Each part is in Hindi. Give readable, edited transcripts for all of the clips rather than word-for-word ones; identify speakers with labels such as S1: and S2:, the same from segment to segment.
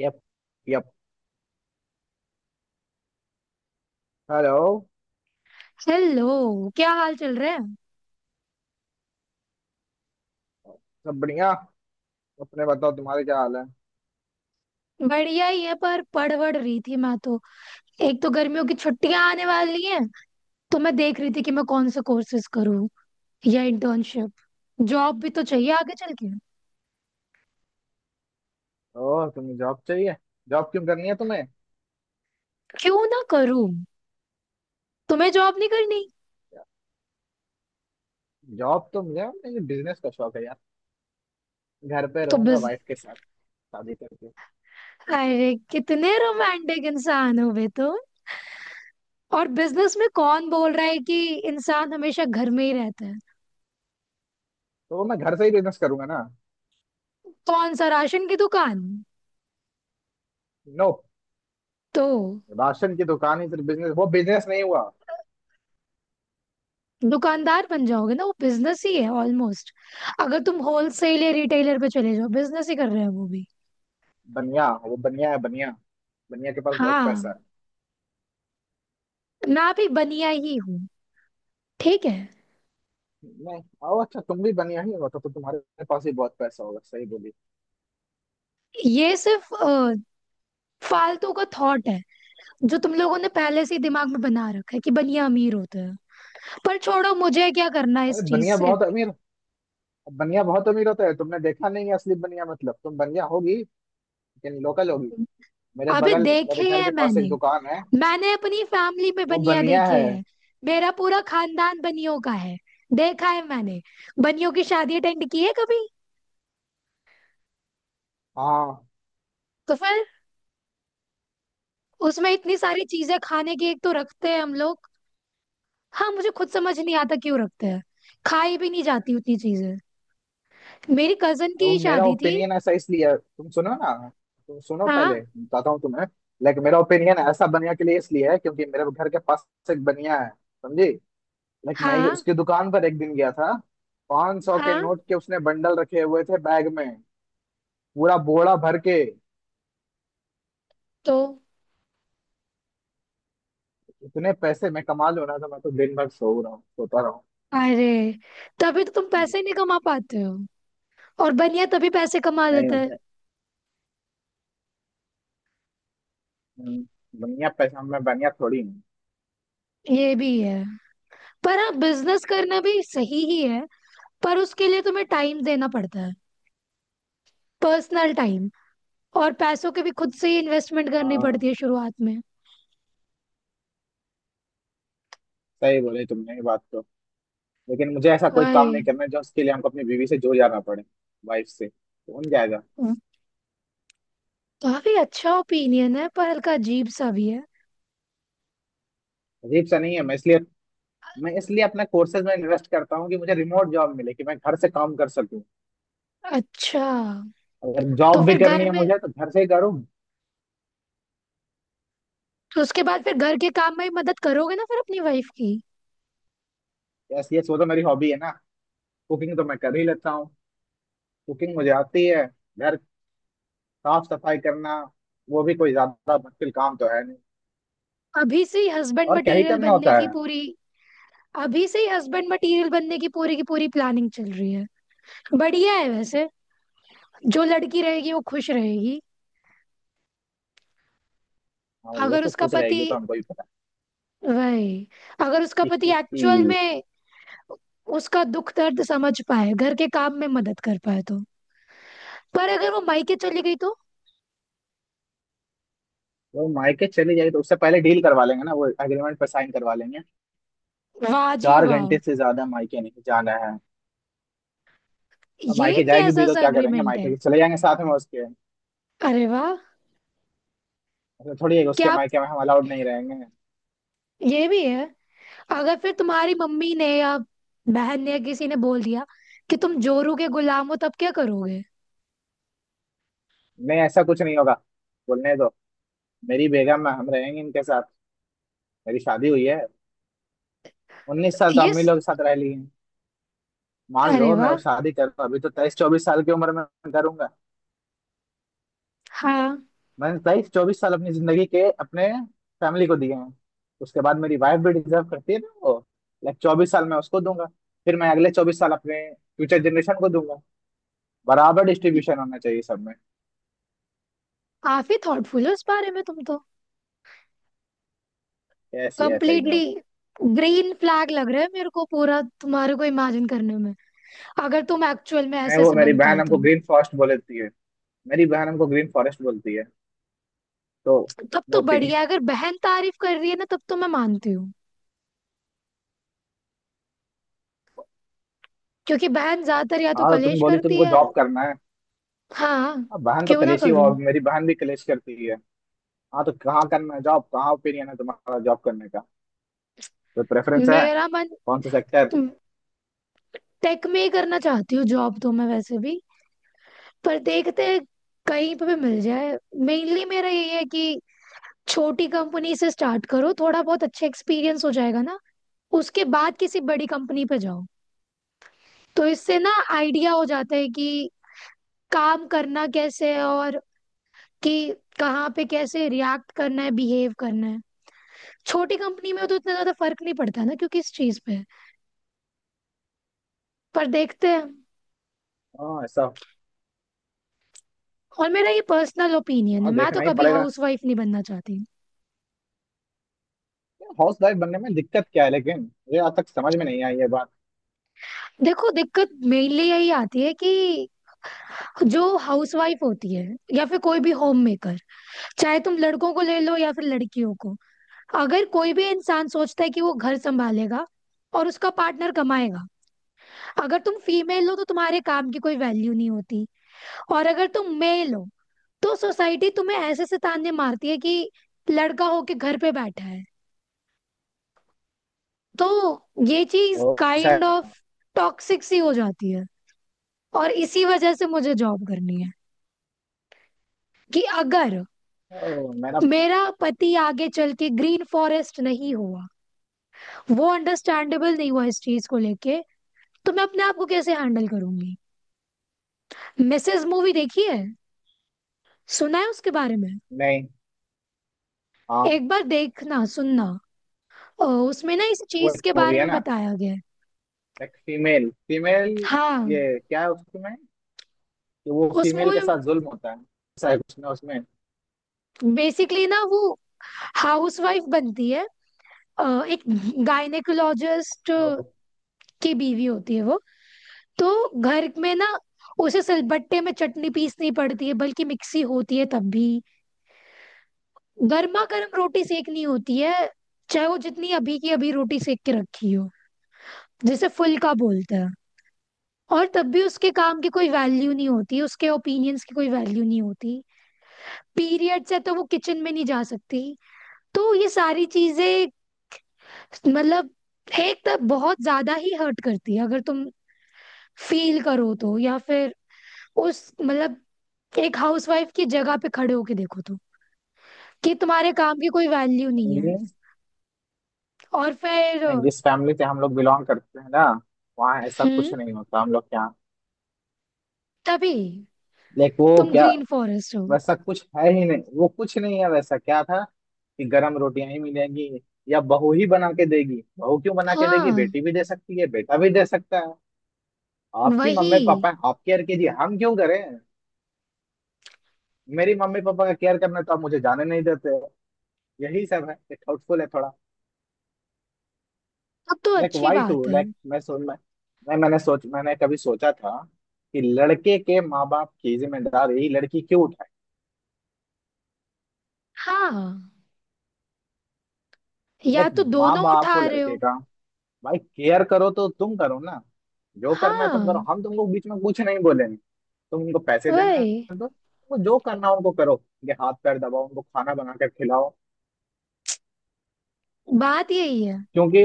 S1: यप। यप। हेलो।
S2: हेलो, क्या हाल चल रहे हैं।
S1: सब बढ़िया। अपने बताओ तुम्हारे क्या हाल है।
S2: बढ़िया ही है, पर पढ़ वढ़ रही थी मैं तो। एक तो गर्मियों की छुट्टियां आने वाली हैं, तो मैं देख रही थी कि मैं कौन से कोर्सेज करूँ या इंटर्नशिप। जॉब भी तो चाहिए आगे चल के।
S1: ओह तुम्हें जॉब चाहिए। जॉब क्यों करनी है तुम्हें।
S2: क्यों ना करूँ? तुम्हें जॉब नहीं करनी?
S1: जॉब तो मुझे मुझे बिजनेस का शौक है यार। घर पे
S2: तो
S1: रहूंगा
S2: बस।
S1: वाइफ के साथ शादी करके।
S2: अरे कितने रोमांटिक इंसान हो बे तुम। और बिजनेस में कौन बोल रहा है कि इंसान हमेशा घर में ही रहता है।
S1: तो वो मैं घर से ही बिजनेस करूंगा ना।
S2: कौन सा, राशन की दुकान?
S1: नो।
S2: तो
S1: राशन की दुकान ही सिर्फ बिजनेस वो बिजनेस नहीं हुआ।
S2: दुकानदार बन जाओगे ना, वो बिजनेस ही है ऑलमोस्ट। अगर तुम होलसेल या रिटेलर पे चले जाओ, बिजनेस ही कर रहे हो वो भी।
S1: बनिया वो बनिया है बनिया। बनिया के पास बहुत
S2: हाँ,
S1: पैसा है।
S2: मैं भी बनिया ही हूँ। ठीक है।
S1: नहीं आओ अच्छा तुम भी बनिया ही हो तो तुम्हारे पास ही बहुत पैसा होगा सही बोली।
S2: ये सिर्फ फालतू का थॉट है। जो तुम लोगों ने पहले से ही दिमाग में बना रखा है कि बनिया अमीर होते हैं। पर छोड़ो, मुझे क्या करना है
S1: अरे
S2: इस चीज
S1: बनिया
S2: से।
S1: बहुत अमीर। बनिया बहुत अमीर होता है, तुमने देखा नहीं है असली बनिया। मतलब तुम बनिया होगी, यानी लोकल होगी। मेरे
S2: अबे,
S1: बगल
S2: देखे
S1: मेरे घर
S2: हैं
S1: के पास
S2: मैंने।
S1: एक दुकान है,
S2: मैंने अपनी फैमिली में
S1: वो
S2: बनिया
S1: बनिया
S2: देखे
S1: है।
S2: हैं। मेरा पूरा खानदान बनियों का है। देखा है मैंने। बनियों की शादी अटेंड की है कभी?
S1: हाँ।
S2: तो फिर उसमें इतनी सारी चीजें खाने की एक तो रखते हैं हम लोग। हाँ, मुझे खुद समझ नहीं आता क्यों रखते हैं। खाई भी नहीं जाती उतनी चीजें। मेरी कजन
S1: वो
S2: की
S1: मेरा
S2: शादी थी।
S1: ओपिनियन ऐसा तुम सुनो ना। तुम सुनो पहले
S2: हाँ,
S1: बताता हूँ तुम्हें। लाइक मेरा ओपिनियन ऐसा बनिया के लिए इसलिए है क्योंकि मेरे घर के पास एक बनिया है, समझी। लाइक मैं
S2: हाँ,
S1: उसकी दुकान पर एक दिन गया था। 500 के
S2: हाँ।
S1: नोट के उसने बंडल रखे हुए थे बैग में, पूरा बोरा भर के।
S2: तो
S1: इतने पैसे मैं कमा लूं ना तो मैं तो दिन भर सो रहा हूँ, सोता रहा हूँ।
S2: अरे, तभी तो तुम पैसे नहीं कमा पाते हो। और बनिया तभी पैसे कमा
S1: नहीं
S2: लेता
S1: होता
S2: है।
S1: है। हम्म, बनिया पैसा, मैं बनिया थोड़ी हूँ।
S2: ये भी है। पर हाँ, बिजनेस करना भी सही ही है। पर उसके लिए तुम्हें टाइम देना पड़ता है, पर्सनल टाइम। और पैसों के भी खुद से ही इन्वेस्टमेंट करनी
S1: हाँ
S2: पड़ती है शुरुआत में।
S1: सही बोले तुमने ये बात तो। लेकिन मुझे ऐसा कोई
S2: वही।
S1: काम नहीं करना है जो उसके लिए हमको अपनी बीवी से जुड़ जाना पड़े। वाइफ से तो उन जाएगा।
S2: काफी अच्छा ओपिनियन है, पर हल्का अजीब सा भी है।
S1: अजीब सा नहीं है। मैं इसलिए अपने कोर्सेज में इन्वेस्ट करता हूँ कि मुझे रिमोट जॉब मिले, कि मैं घर से काम कर सकूँ।
S2: अच्छा।
S1: अगर
S2: तो
S1: जॉब भी
S2: फिर
S1: करनी
S2: घर
S1: है
S2: में,
S1: मुझे तो घर से ही करूँ।
S2: तो उसके बाद फिर घर के काम में ही मदद करोगे ना फिर अपनी वाइफ की।
S1: यस ये वो तो मेरी हॉबी है ना। कुकिंग तो मैं कर ही लेता हूँ। कुकिंग मुझे आती है। घर साफ सफाई करना, वो भी कोई ज्यादा मुश्किल काम तो है नहीं।
S2: अभी से ही हस्बैंड
S1: और क्या ही
S2: मटेरियल
S1: करना
S2: बनने
S1: होता
S2: की
S1: है।
S2: पूरी अभी से ही हस्बैंड मटेरियल बनने की पूरी प्लानिंग चल रही है। बढ़िया है वैसे। जो लड़की रहेगी वो खुश रहेगी।
S1: हाँ वो
S2: अगर
S1: तो
S2: उसका
S1: खुश रहेगी,
S2: पति,
S1: वो तो हमको ही पता
S2: वही, अगर उसका
S1: है।
S2: पति एक्चुअल में उसका दुख दर्द समझ पाए, घर के काम में मदद कर पाए तो। पर अगर वो मायके चली गई तो?
S1: वो मायके चली जाएगी तो उससे पहले डील करवा लेंगे ना, वो एग्रीमेंट पर साइन करवा लेंगे।
S2: वाह जी
S1: 4
S2: वाह।
S1: घंटे से ज्यादा मायके नहीं जाना है। अब
S2: ये
S1: मायके जाएगी
S2: कैसा
S1: भी तो
S2: सा
S1: क्या करेंगे,
S2: अग्रीमेंट
S1: मायके
S2: है?
S1: तो चले जाएंगे साथ में उसके।
S2: अरे वाह।
S1: ऐसा थोड़ी है कि
S2: क्या
S1: उसके
S2: आप-
S1: मायके में हम अलाउड नहीं रहेंगे।
S2: ये भी है। अगर फिर तुम्हारी मम्मी ने या बहन ने या किसी ने बोल दिया कि तुम जोरू के गुलाम हो, तब क्या करोगे?
S1: नहीं ऐसा कुछ नहीं होगा। बोलने दो। मेरी बेगम है, हम रहेंगे इनके साथ। मेरी शादी हुई है। 19 साल तो
S2: ये
S1: अम्मी
S2: स-
S1: लोग के साथ रह ली है। मान
S2: अरे
S1: लो मैं
S2: वाह।
S1: वो शादी करूँ अभी तो 23-24 साल की उम्र में। करूंगा।
S2: हाँ।
S1: मैंने 23-24 साल अपनी जिंदगी के अपने फैमिली को दिए हैं। उसके बाद मेरी वाइफ भी डिजर्व करती है ना वो। लाइक 24 साल मैं उसको दूंगा। फिर मैं अगले 24 साल अपने फ्यूचर जनरेशन को दूंगा। बराबर डिस्ट्रीब्यूशन होना चाहिए सब में।
S2: काफी थॉटफुल हो इस बारे में तुम तो।
S1: Yes yes I know.
S2: Completely. Green flag लग रहा है मेरे को पूरा तुम्हारे को इमेजिन करने में। अगर तुम एक्चुअल में
S1: मैं
S2: ऐसे
S1: वो
S2: ऐसे
S1: मेरी
S2: बन
S1: बहन
S2: पाए
S1: हमको
S2: तो।
S1: ग्रीन फॉरेस्ट बोल देती है। मेरी बहन हमको ग्रीन फॉरेस्ट बोलती है तो।
S2: तब
S1: नो
S2: तो बढ़िया
S1: ओपिनियन।
S2: है। अगर बहन तारीफ कर रही है ना, तब तो मैं मानती हूँ। क्योंकि बहन ज्यादातर या तो
S1: हाँ तो तुम
S2: कलेश
S1: बोली
S2: करती
S1: तुमको
S2: है।
S1: जॉब करना है।
S2: हाँ।
S1: अब बहन तो
S2: क्यों ना
S1: कलेशी हुआ,
S2: करूं?
S1: मेरी बहन भी कलेश करती है। हाँ तो कहाँ करना है जॉब, कहाँ ओपिनियन है तुम्हारा जॉब करने का, तो प्रेफरेंस है।
S2: मेरा मन
S1: कौन सा सेक्टर।
S2: टेक में ही करना चाहती हूँ जॉब तो मैं वैसे भी, पर देखते हैं, कहीं पे भी मिल जाए। मेनली मेरा यही है कि छोटी कंपनी से स्टार्ट करो, थोड़ा बहुत अच्छा एक्सपीरियंस हो जाएगा ना। उसके बाद किसी बड़ी कंपनी पे जाओ। तो इससे ना आइडिया हो जाता है कि काम करना कैसे है, और कि कहाँ पे कैसे रिएक्ट करना है, बिहेव करना है। छोटी कंपनी में तो इतना ज्यादा फर्क नहीं पड़ता ना क्योंकि इस चीज पे। पर देखते हैं।
S1: हाँ ऐसा।
S2: और मेरा ये पर्सनल ओपिनियन है,
S1: हाँ
S2: मैं तो
S1: देखना ही
S2: कभी
S1: पड़ेगा।
S2: हाउसवाइफ नहीं बनना चाहती।
S1: हाउस वाइफ बनने में दिक्कत क्या है लेकिन, मुझे आज तक समझ में नहीं आई ये बात।
S2: देखो, दिक्कत मेनली यही आती है कि जो हाउसवाइफ होती है या फिर कोई भी होम मेकर, चाहे तुम लड़कों को ले लो या फिर लड़कियों को, अगर कोई भी इंसान सोचता है कि वो घर संभालेगा और उसका पार्टनर कमाएगा, अगर तुम फीमेल हो तो तुम्हारे काम की कोई वैल्यू नहीं होती। और अगर तुम मेल हो तो सोसाइटी तुम्हें ऐसे से ताने मारती है कि लड़का होके घर पे बैठा है। तो ये चीज
S1: ओ,
S2: काइंड ऑफ
S1: शायद,
S2: टॉक्सिक सी हो जाती है। और इसी वजह से मुझे जॉब करनी है कि अगर
S1: मैं ना।
S2: मेरा पति आगे चल के ग्रीन फॉरेस्ट नहीं हुआ, वो अंडरस्टैंडेबल नहीं हुआ इस चीज को लेके, तो मैं अपने आप को कैसे हैंडल करूंगी। मिसेज मूवी देखी है? सुना है उसके बारे में?
S1: नहीं। हाँ
S2: एक बार देखना सुनना। उसमें ना इस
S1: वो
S2: चीज
S1: एक
S2: के
S1: मूवी
S2: बारे
S1: है
S2: में
S1: ना।
S2: बताया गया है।
S1: एक फीमेल फीमेल।
S2: हाँ।
S1: ये क्या है उसमें, कि वो
S2: उस
S1: फीमेल
S2: मूवी,
S1: के साथ जुल्म होता है, ऐसा है उसमें उसमें।
S2: बेसिकली ना, वो हाउसवाइफ बनती है। अ, एक गायनेकोलॉजिस्ट
S1: ओ,
S2: की बीवी होती है वो। तो घर में ना उसे सिलबट्टे में चटनी पीसनी पड़ती है, बल्कि मिक्सी होती है तब भी। गर्मा गर्म रोटी सेकनी होती है, चाहे वो जितनी अभी की अभी रोटी सेक के रखी हो, जिसे फुल्का बोलते हैं। और तब भी उसके काम की कोई वैल्यू नहीं होती, उसके ओपिनियंस की कोई वैल्यू नहीं होती। पीरियड्स है तो वो किचन में नहीं जा सकती। तो ये सारी चीजें, मतलब, एक तो बहुत ज्यादा ही हर्ट करती है अगर तुम फील करो तो, या फिर उस मतलब एक हाउसवाइफ की जगह पे खड़े होके देखो तो कि तुम्हारे काम की कोई वैल्यू नहीं है।
S1: नहीं
S2: और फिर,
S1: जिस फैमिली से हम लोग बिलोंग करते हैं ना, वहाँ ऐसा कुछ
S2: हम्म,
S1: नहीं होता हम लोग के यहाँ।
S2: तभी
S1: लाइक वो
S2: तुम
S1: क्या,
S2: ग्रीन फॉरेस्ट हो।
S1: वैसा कुछ है ही नहीं, वो कुछ नहीं है वैसा। क्या था, कि गरम रोटियां ही मिलेंगी, या बहू ही बना के देगी। बहू क्यों बना के देगी,
S2: हाँ,
S1: बेटी भी दे सकती है, बेटा भी दे सकता है। आपकी
S2: वही।
S1: मम्मी पापा आप केयर कीजिए, हम क्यों करें। मेरी मम्मी पापा का केयर करना तो आप मुझे जाने नहीं देते। यही सब है, ये हाउटफुल है थोड़ा।
S2: अब तो
S1: लाइक
S2: अच्छी
S1: वाई
S2: बात
S1: टू
S2: है।
S1: लाइक मैं सोच मैं, मैंने कभी सोचा था कि लड़के के माँ बाप की जिम्मेदारी लड़की क्यों उठाए।
S2: हाँ। या
S1: लाइक
S2: तो
S1: माँ
S2: दोनों
S1: बाप हो
S2: उठा रहे
S1: लड़के
S2: हो।
S1: का भाई, केयर करो तो तुम करो ना। जो करना है तुम करो,
S2: हाँ,
S1: हम तुमको बीच में कुछ नहीं बोलेंगे। तुम उनको पैसे देना
S2: वही।
S1: है तो, वो जो करना है उनको करो, उनके हाथ पैर दबाओ, उनको खाना बना कर खिलाओ।
S2: बात यही है।
S1: क्योंकि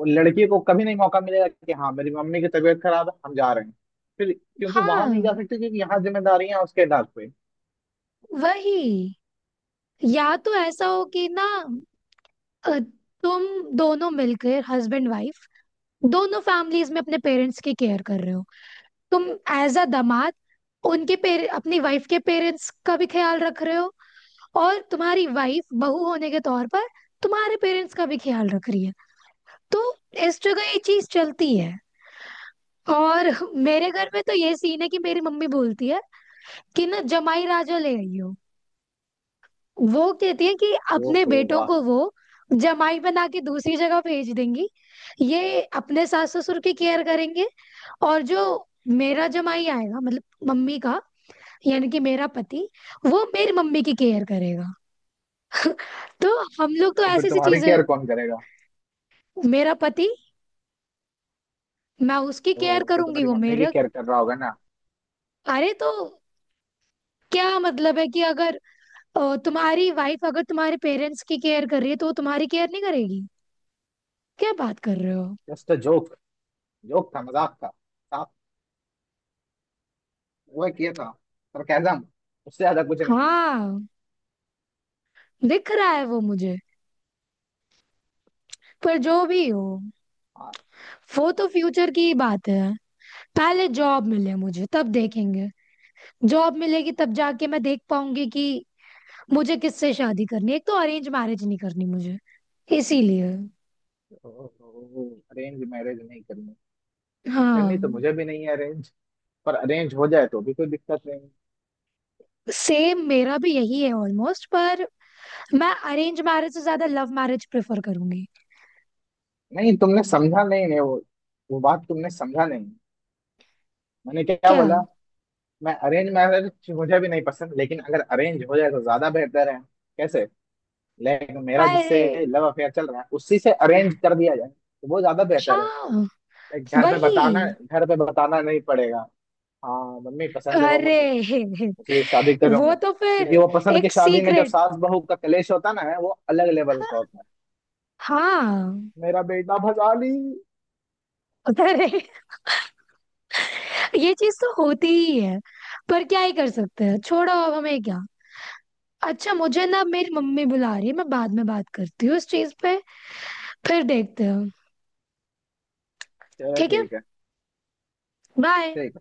S1: वो लड़की को कभी नहीं मौका मिलेगा कि हाँ मेरी मम्मी की तबीयत खराब है हम जा रहे हैं। फिर क्योंकि वहां नहीं जा
S2: हाँ,
S1: सकते, क्योंकि यहाँ जिम्मेदारियां हैं उसके इलाज पे।
S2: वही। या तो ऐसा हो कि ना, अ, तुम दोनों मिलकर हस्बैंड वाइफ दोनों फैमिलीज में अपने पेरेंट्स की केयर कर रहे हो। तुम एज अ दामाद उनके अपनी वाइफ के पेरेंट्स का भी ख्याल रख रहे हो। और तुम्हारी वाइफ बहू होने के तौर पर तुम्हारे पेरेंट्स का भी ख्याल रख रही है। तो इस जगह ये चीज चलती है। और मेरे घर में तो ये सीन है कि मेरी मम्मी बोलती है कि ना, जमाई राजा ले आई हो। वो कहती है कि अपने
S1: ओहो
S2: बेटों
S1: वाह।
S2: को वो जमाई बना के दूसरी जगह भेज देंगी, ये अपने सास ससुर की केयर करेंगे। और जो मेरा जमाई आएगा, मतलब मम्मी का, यानी कि मेरा पति, वो मेरी मम्मी की केयर करेगा। तो हम लोग तो
S1: तो फिर
S2: ऐसी सी
S1: तुम्हारी
S2: चीजें।
S1: केयर कौन करेगा।
S2: मेरा पति। मैं उसकी केयर
S1: ओह तो
S2: करूंगी,
S1: तुम्हारी
S2: वो
S1: मम्मी की
S2: मेरा।
S1: केयर कर रहा होगा ना।
S2: अरे तो क्या मतलब है कि अगर तुम्हारी वाइफ अगर तुम्हारे पेरेंट्स की केयर कर रही है तो वो तुम्हारी केयर नहीं करेगी। क्या बात कर रहे हो।
S1: Just uh joke. जोक था, मजाक था साफ, वो किया था, सरकाजम, उससे ज्यादा कुछ नहीं।
S2: हाँ, दिख रहा है वो मुझे। पर जो भी हो, वो तो फ्यूचर की ही बात है। पहले जॉब मिले मुझे तब देखेंगे। जॉब मिलेगी तब जाके मैं देख पाऊंगी कि मुझे किससे शादी करनी है। एक तो अरेंज मैरिज नहीं करनी मुझे, इसीलिए।
S1: अरेंज मैरिज नहीं करनी। करनी
S2: हाँ।
S1: तो मुझे भी नहीं है अरेंज, पर अरेंज हो जाए तो भी कोई दिक्कत नहीं।
S2: सेम मेरा भी यही है ऑलमोस्ट, पर मैं अरेंज मैरिज से ज्यादा लव मैरिज प्रेफर करूंगी।
S1: नहीं तुमने समझा नहीं नहीं वो वो बात तुमने समझा नहीं। मैंने क्या
S2: क्या?
S1: बोला। मैं अरेंज मैरिज मुझे भी नहीं पसंद, लेकिन अगर अरेंज हो जाए तो ज्यादा बेहतर है। कैसे। लाइक मेरा
S2: अरे।
S1: जिससे लव अफेयर चल रहा है उसी से अरेंज कर दिया जाए तो वो ज्यादा बेहतर है।
S2: हाँ,
S1: लाइक
S2: वही।
S1: घर पे बताना नहीं पड़ेगा। हाँ मम्मी पसंद है वो,
S2: अरे
S1: उसे शादी
S2: वो
S1: करूंगा।
S2: तो फिर
S1: क्योंकि वो पसंद की
S2: एक
S1: शादी में जब
S2: सीक्रेट।
S1: सास बहू का कलेश होता है ना, वो अलग लेवल का होता है।
S2: हाँ।
S1: मेरा बेटा भगा ली।
S2: अरे, ये चीज तो होती ही है। पर क्या ही कर सकते हैं, छोड़ो अब हमें क्या। अच्छा, मुझे ना, मेरी मम्मी बुला रही है, मैं बाद में बात करती हूँ इस चीज पे। फिर देखते हैं।
S1: चलो
S2: ठीक है।
S1: ठीक है।
S2: बाय।
S1: ठीक।